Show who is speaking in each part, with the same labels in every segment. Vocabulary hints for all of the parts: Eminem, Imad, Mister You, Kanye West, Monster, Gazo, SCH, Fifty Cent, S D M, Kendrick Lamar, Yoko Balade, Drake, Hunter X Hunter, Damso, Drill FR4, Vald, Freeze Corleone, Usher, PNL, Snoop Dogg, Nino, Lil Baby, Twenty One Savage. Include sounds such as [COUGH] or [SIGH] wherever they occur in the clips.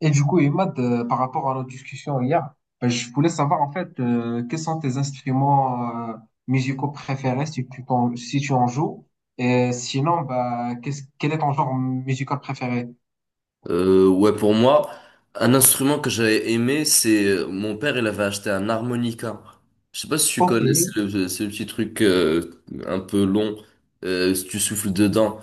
Speaker 1: Et du coup, Imad, par rapport à notre discussion hier, ben, je voulais savoir en fait quels sont tes instruments musicaux préférés si tu en joues. Et sinon, bah, quel est ton genre musical préféré?
Speaker 2: Ouais, pour moi, un instrument que j'avais aimé, c'est mon père, il avait acheté un harmonica. Je sais pas si tu
Speaker 1: Ok.
Speaker 2: connais, c'est le petit truc un peu long, si tu souffles dedans.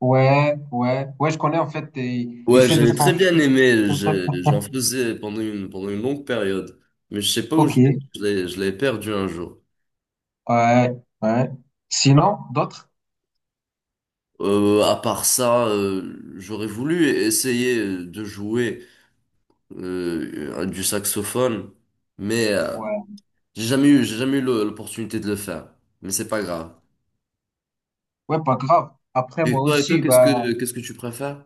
Speaker 1: Ouais, ouais, ouais, je connais en fait, il
Speaker 2: Ouais,
Speaker 1: fait des
Speaker 2: j'avais
Speaker 1: sons
Speaker 2: très bien
Speaker 1: chelous.
Speaker 2: aimé, j'en faisais pendant une longue période. Mais je sais pas où
Speaker 1: Ok,
Speaker 2: je l'ai perdu un jour.
Speaker 1: ouais, ouais. Sinon, d'autres?
Speaker 2: À part ça, j'aurais voulu essayer de jouer du saxophone, mais... euh,
Speaker 1: Ouais,
Speaker 2: J'ai jamais eu, j'ai jamais eu l'opportunité de le faire, mais c'est pas grave.
Speaker 1: ouais, pas grave. Après,
Speaker 2: Et
Speaker 1: moi
Speaker 2: toi, et toi,
Speaker 1: aussi,
Speaker 2: qu'est-ce
Speaker 1: bah.
Speaker 2: que qu'est-ce que tu préfères?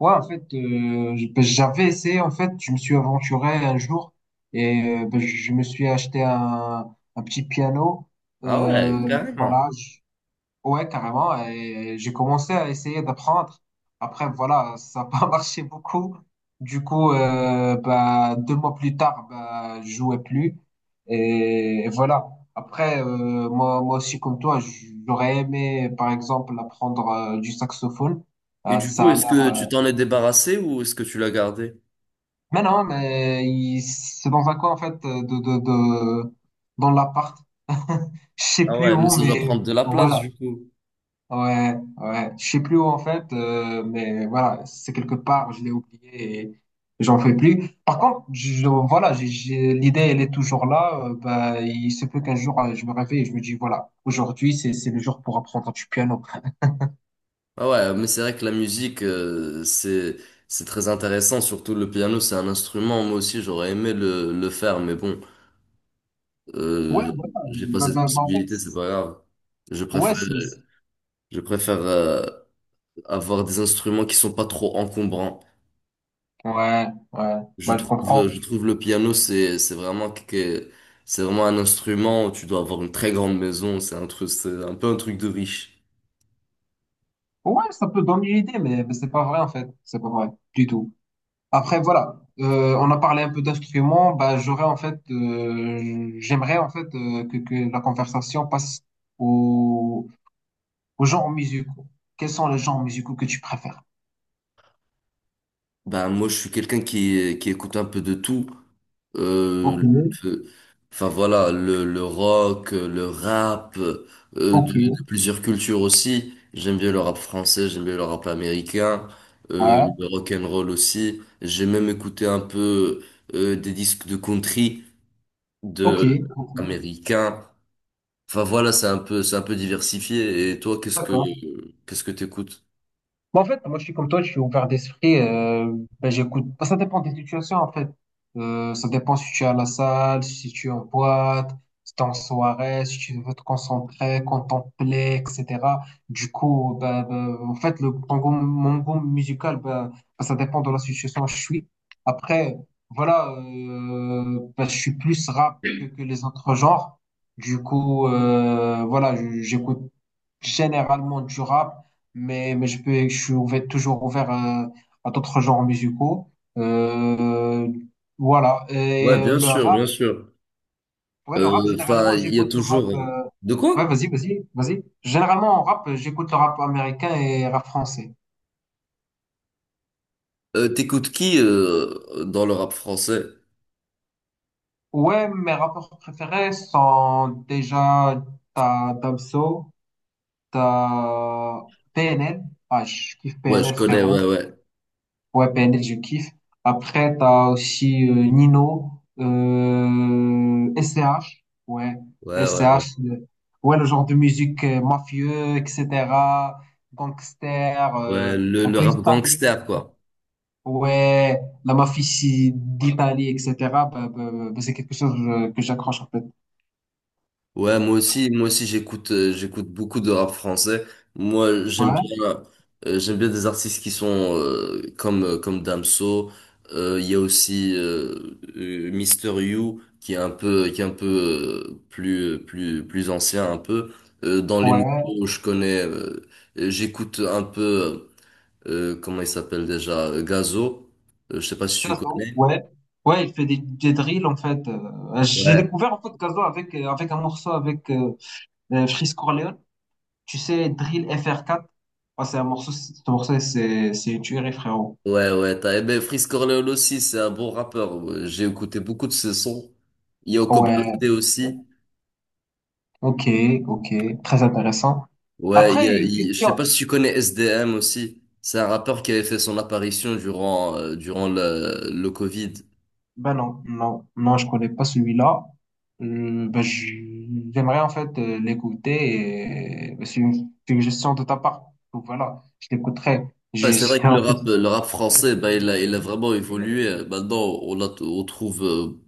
Speaker 1: Ouais, en fait, ben, j'avais essayé, en fait, je me suis aventuré un jour et ben, je me suis acheté un petit piano.
Speaker 2: Ah ouais,
Speaker 1: Euh,
Speaker 2: carrément.
Speaker 1: voilà, ouais, carrément, et j'ai commencé à essayer d'apprendre. Après, voilà, ça n'a pas [LAUGHS] marché beaucoup. Du coup, ben, 2 mois plus tard, ben, je jouais plus. Et voilà. Après, moi, moi aussi, comme toi, j'aurais aimé, par exemple, apprendre du saxophone.
Speaker 2: Et
Speaker 1: Euh,
Speaker 2: du coup,
Speaker 1: ça a
Speaker 2: est-ce
Speaker 1: l'air
Speaker 2: que
Speaker 1: euh,
Speaker 2: tu t'en es débarrassé ou est-ce que tu l'as gardé?
Speaker 1: Mais non, mais c'est dans un coin, en fait, de, dans l'appart. [LAUGHS] Je sais
Speaker 2: Ah
Speaker 1: plus
Speaker 2: ouais, mais
Speaker 1: où,
Speaker 2: ça doit
Speaker 1: mais
Speaker 2: prendre de la place
Speaker 1: voilà.
Speaker 2: du coup.
Speaker 1: Ouais, ouais. Je sais plus où, en fait, mais voilà, c'est quelque part, je l'ai oublié et j'en fais plus. Par contre, voilà, l'idée, elle est toujours là. Bah, il se peut qu'un jour, je me réveille et je me dis, voilà, aujourd'hui, c'est le jour pour apprendre du piano.
Speaker 2: Ah ouais, mais c'est vrai que la musique, c'est très intéressant. Surtout le piano, c'est un instrument. Moi aussi, j'aurais aimé le faire, mais bon,
Speaker 1: Ouais,
Speaker 2: euh,
Speaker 1: voilà.
Speaker 2: j'ai pas
Speaker 1: Bah,
Speaker 2: cette
Speaker 1: bah, bah, en fait,
Speaker 2: possibilité, c'est pas grave. Je
Speaker 1: ouais,
Speaker 2: préfère je préfère avoir des instruments qui sont pas trop encombrants.
Speaker 1: ouais, ouais.
Speaker 2: Je
Speaker 1: Bah, je
Speaker 2: trouve, euh, je
Speaker 1: comprends.
Speaker 2: trouve le piano, c'est vraiment c'est vraiment un instrument où tu dois avoir une très grande maison. C'est un truc, c'est un peu un truc de riche.
Speaker 1: Ouais, ça peut donner une idée, mais c'est pas vrai en fait. C'est pas vrai du tout. Après, voilà, on a parlé un peu d'instruments. Bah, j'aimerais en fait que la conversation passe au, aux genres musicaux. Quels sont les genres musicaux que tu préfères?
Speaker 2: Bah, moi, je suis quelqu'un qui écoute un peu de tout.
Speaker 1: Ok,
Speaker 2: Euh, le- enfin, voilà, le rock, le rap,
Speaker 1: ok,
Speaker 2: de plusieurs cultures aussi. J'aime bien le rap français, j'aime bien le rap américain,
Speaker 1: ouais,
Speaker 2: le rock and roll aussi. J'ai même écouté un peu, des disques de country,
Speaker 1: ok,
Speaker 2: de
Speaker 1: ok,
Speaker 2: américains. Enfin voilà, c'est un peu diversifié. Et toi,
Speaker 1: d'accord.
Speaker 2: qu'est-ce que t'écoutes?
Speaker 1: Bon, en fait, moi, je suis comme toi, je suis ouvert d'esprit. Ben, j'écoute. Bah, ça dépend des situations, en fait. Ça dépend si tu es à la salle, si tu es en boîte, si tu es en soirée, si tu veux te concentrer, contempler, etc. Du coup, ben, en fait, mon goût musical, ben, ça dépend de la situation où je suis. Après, voilà, ben, je suis plus rap que les autres genres. Du coup, voilà, j'écoute généralement du rap mais je suis toujours ouvert à d'autres genres musicaux. Euh, voilà.
Speaker 2: Ouais,
Speaker 1: Et
Speaker 2: bien
Speaker 1: le
Speaker 2: sûr, bien
Speaker 1: rap,
Speaker 2: sûr.
Speaker 1: ouais, le
Speaker 2: Euh,
Speaker 1: rap,
Speaker 2: Enfin,
Speaker 1: généralement,
Speaker 2: il y a
Speaker 1: j'écoute le rap.
Speaker 2: toujours. De quoi?
Speaker 1: Ouais, vas-y, vas-y, vas-y. Généralement, en rap, j'écoute le rap américain et rap français.
Speaker 2: T'écoutes qui dans le rap français?
Speaker 1: Ouais, mes rappeurs préférés sont déjà t'as Damso, t'as PNL. Ah, je kiffe
Speaker 2: Ouais, je
Speaker 1: PNL,
Speaker 2: connais. Ouais,
Speaker 1: frérot.
Speaker 2: ouais,
Speaker 1: Ouais, PNL, je kiffe. Après, t'as aussi Nino, SCH, ouais,
Speaker 2: ouais, ouais, ouais.
Speaker 1: SCH, ouais, le genre de musique mafieux, etc., gangster,
Speaker 2: Ouais,
Speaker 1: un
Speaker 2: le
Speaker 1: peu
Speaker 2: rap
Speaker 1: italien,
Speaker 2: gangster, quoi.
Speaker 1: ouais, la mafia ici d'Italie, etc., bah, bah, bah, bah, c'est quelque chose que j'accroche, en fait.
Speaker 2: Moi aussi j'écoute beaucoup de rap français. Moi,
Speaker 1: Ouais,
Speaker 2: j'aime bien des artistes qui sont comme Damso. Il y a aussi Mister You qui est un peu plus plus ancien un peu. Dans les
Speaker 1: ouais,
Speaker 2: nouveaux, je connais j'écoute un peu, comment il s'appelle déjà, Gazo. Je sais pas si tu
Speaker 1: Gazo,
Speaker 2: connais.
Speaker 1: ouais. Ouais, il fait des drills en fait. J'ai
Speaker 2: Ouais.
Speaker 1: découvert en fait Gazo avec un morceau avec Freeze Corleone. Tu sais, Drill FR4, ah, c'est un morceau, ce morceau, c'est une tuerie, frérot.
Speaker 2: Ouais, ouais, t'as aimé Freeze Corleone aussi, c'est un bon rappeur. Ouais, j'ai écouté beaucoup de ses sons. Yoko
Speaker 1: Ouais,
Speaker 2: Balade aussi.
Speaker 1: ok, ok, très intéressant.
Speaker 2: Ouais, il y
Speaker 1: Après,
Speaker 2: a-
Speaker 1: une
Speaker 2: il- Je sais
Speaker 1: question.
Speaker 2: pas si tu connais SDM aussi. C'est un rappeur qui avait fait son apparition durant le Covid.
Speaker 1: Ben non, non, non, je connais pas celui-là. Ben, j'aimerais en fait l'écouter et ben, c'est une suggestion de ta part. Donc voilà, je l'écouterai.
Speaker 2: Ouais,
Speaker 1: J'ai-
Speaker 2: c'est
Speaker 1: j'ai-
Speaker 2: vrai que
Speaker 1: en fait-
Speaker 2: le rap français, bah, il a vraiment évolué. Maintenant, on trouve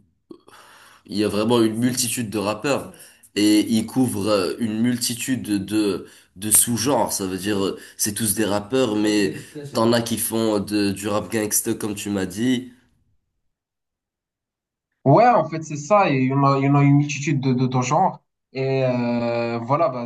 Speaker 2: il y a vraiment une multitude de rappeurs et ils couvrent une multitude de sous-genres. Ça veut dire c'est tous des rappeurs, mais t'en as qui font du rap gangsta comme tu m'as dit.
Speaker 1: Ouais, en fait, c'est ça. Il y en a une multitude de genres. Et voilà, bah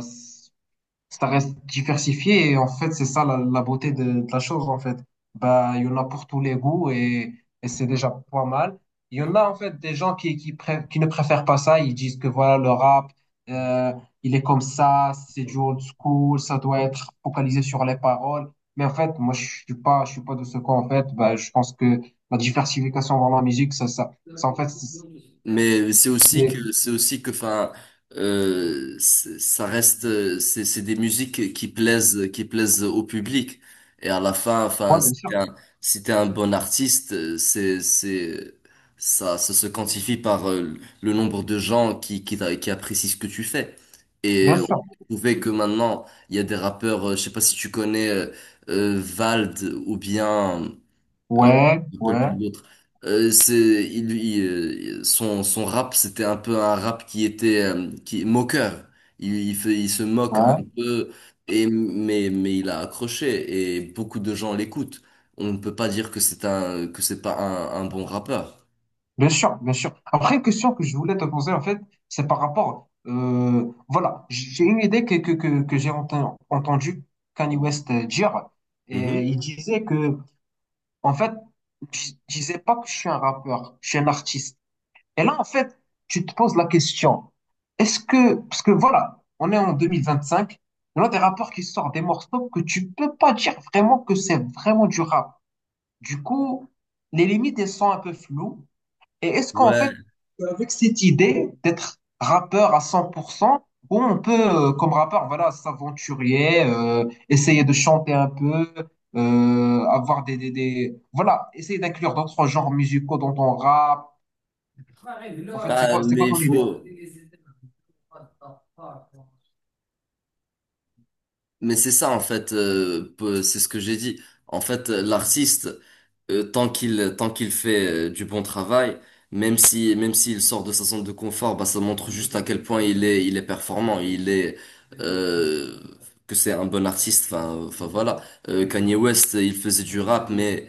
Speaker 1: ça reste diversifié et en fait c'est ça la beauté de la chose en fait, bah il y en a pour tous les goûts. Et c'est déjà pas mal. Il y en a en fait des gens qui ne préfèrent pas ça. Ils disent que voilà, le rap euh, il est comme ça, c'est du old school, ça doit être focalisé sur les paroles. Mais en fait, moi, je suis pas de ce camp, en fait. Bah, je pense que la diversification dans la musique, ça, en fait, c'est
Speaker 2: Mais c'est aussi
Speaker 1: c'est-
Speaker 2: que c'est aussi que enfin ça reste c'est des musiques qui plaisent au public et à la fin, enfin,
Speaker 1: Ouais, bien sûr,
Speaker 2: si t'es un bon artiste, c'est ça se quantifie par le nombre de gens qui apprécient ce que tu fais.
Speaker 1: bien
Speaker 2: Et on
Speaker 1: sûr,
Speaker 2: trouvait que maintenant il y a des rappeurs, je sais pas si tu connais, Vald ou bien, euh,
Speaker 1: ouais,
Speaker 2: je me rappelle
Speaker 1: ouais,
Speaker 2: plus l'autre. C'est, il, son, Son rap, c'était un peu un rap qui était moqueur. Il se moque un
Speaker 1: ouais.
Speaker 2: peu, mais il a accroché et beaucoup de gens l'écoutent. On ne peut pas dire que c'est pas un bon rappeur.
Speaker 1: Bien sûr, bien sûr. Après, une question que je voulais te poser, en fait, c'est par rapport, voilà, j'ai une idée que j'ai entendu Kanye West dire, et
Speaker 2: Mhm.
Speaker 1: il disait que, en fait, je disais pas que je suis un rappeur, je suis un artiste. Et là, en fait, tu te poses la question, parce que voilà, on est en 2025, il y a des rappeurs qui sortent des morceaux que tu peux pas dire vraiment que c'est vraiment du rap. Du coup, les limites, elles sont un peu floues. Et est-ce qu'en
Speaker 2: Ouais.
Speaker 1: fait, avec cette idée d'être rappeur à 100%, où on peut, comme rappeur, voilà, s'aventurer, essayer de chanter un peu, avoir des- voilà, essayer d'inclure d'autres genres musicaux dans ton rap. En fait, c'est
Speaker 2: Ah,
Speaker 1: quoi,
Speaker 2: mais il
Speaker 1: ton idée?
Speaker 2: faut. Mais c'est ça en fait, c'est ce que j'ai dit. En fait, l'artiste, tant qu'il fait du bon travail, même si même s'il sort de sa zone de confort, bah ça montre juste à quel point il est performant, il est euh, que c'est un bon artiste. Enfin, enfin voilà. Kanye West, il faisait du rap, mais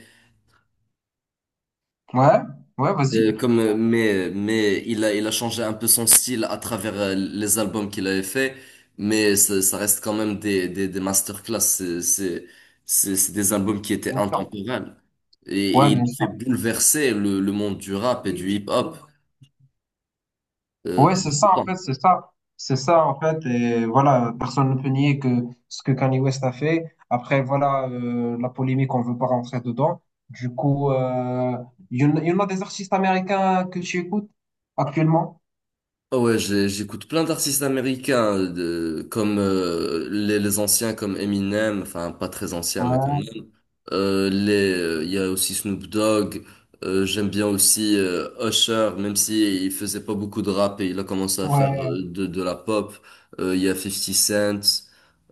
Speaker 1: Ouais, ouais, vas-y.
Speaker 2: Euh, comme, euh, mais, mais il a changé un peu son style à travers les albums qu'il avait fait, mais ça reste quand même des masterclass. C'est des albums qui étaient
Speaker 1: Bien sûr.
Speaker 2: intemporels.
Speaker 1: Ouais,
Speaker 2: Et
Speaker 1: bien
Speaker 2: il fait
Speaker 1: sûr.
Speaker 2: bouleverser le monde du rap et du hip-hop
Speaker 1: Ouais,
Speaker 2: dans
Speaker 1: c'est
Speaker 2: le
Speaker 1: ça, en
Speaker 2: temps.
Speaker 1: fait, c'est ça. C'est ça, en fait. Et voilà, personne ne peut nier que ce que Kanye West a fait. Après, voilà, la polémique, on veut pas rentrer dedans. Du coup, il y en a des artistes américains que tu écoutes actuellement?
Speaker 2: Ah ouais, j'écoute plein d'artistes américains, comme les anciens comme Eminem, enfin pas très anciens mais quand même.
Speaker 1: Ouais,
Speaker 2: Il y a aussi Snoop Dogg. J'aime bien aussi Usher, même si il faisait pas beaucoup de rap et il a commencé à faire
Speaker 1: ouais,
Speaker 2: de la pop. Il y a 50 Cent.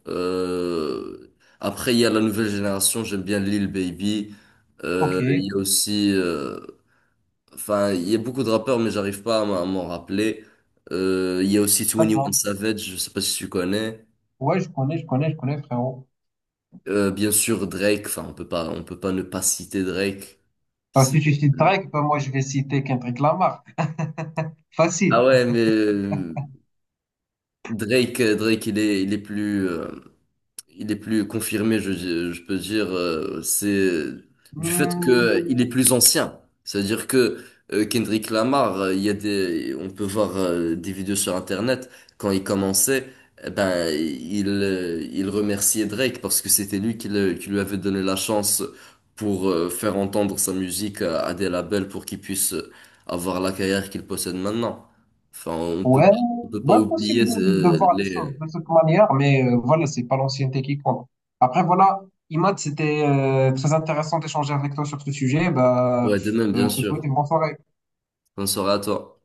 Speaker 2: Euh, Après, il y a la nouvelle génération. J'aime bien Lil Baby.
Speaker 1: ok,
Speaker 2: Il y a aussi, enfin, il y a beaucoup de rappeurs, mais j'arrive pas à m'en rappeler. Il y a aussi Twenty One
Speaker 1: d'accord.
Speaker 2: Savage. Je sais pas si tu connais.
Speaker 1: Ouais, je connais, je connais, je connais, frérot.
Speaker 2: Bien sûr, Drake. Enfin, on peut pas ne pas citer Drake.
Speaker 1: Parce que
Speaker 2: C'est
Speaker 1: tu cites Drake, ben moi, je vais citer Kendrick Lamar.
Speaker 2: Ah
Speaker 1: Facile.
Speaker 2: ouais, mais Drake, Drake, il est plus confirmé, je peux dire, c'est du fait que
Speaker 1: Hmm,
Speaker 2: il est plus ancien. C'est-à-dire que Kendrick Lamar, il y a des, on peut voir des vidéos sur Internet quand il commençait, eh ben il remerciait Drake parce que c'était lui qui lui avait donné la chance pour faire entendre sa musique à des labels pour qu'il puisse avoir la carrière qu'il possède maintenant. Enfin,
Speaker 1: ouais,
Speaker 2: on peut pas
Speaker 1: ouais,
Speaker 2: oublier
Speaker 1: possible de voir les choses
Speaker 2: les
Speaker 1: de cette manière, mais voilà, c'est pas l'ancienneté qui compte. Après, voilà, Imad, c'était très intéressant d'échanger avec toi sur ce sujet. Bah,
Speaker 2: ouais, de même, bien
Speaker 1: je te souhaite
Speaker 2: sûr.
Speaker 1: une bonne soirée.
Speaker 2: Bonne soirée à toi.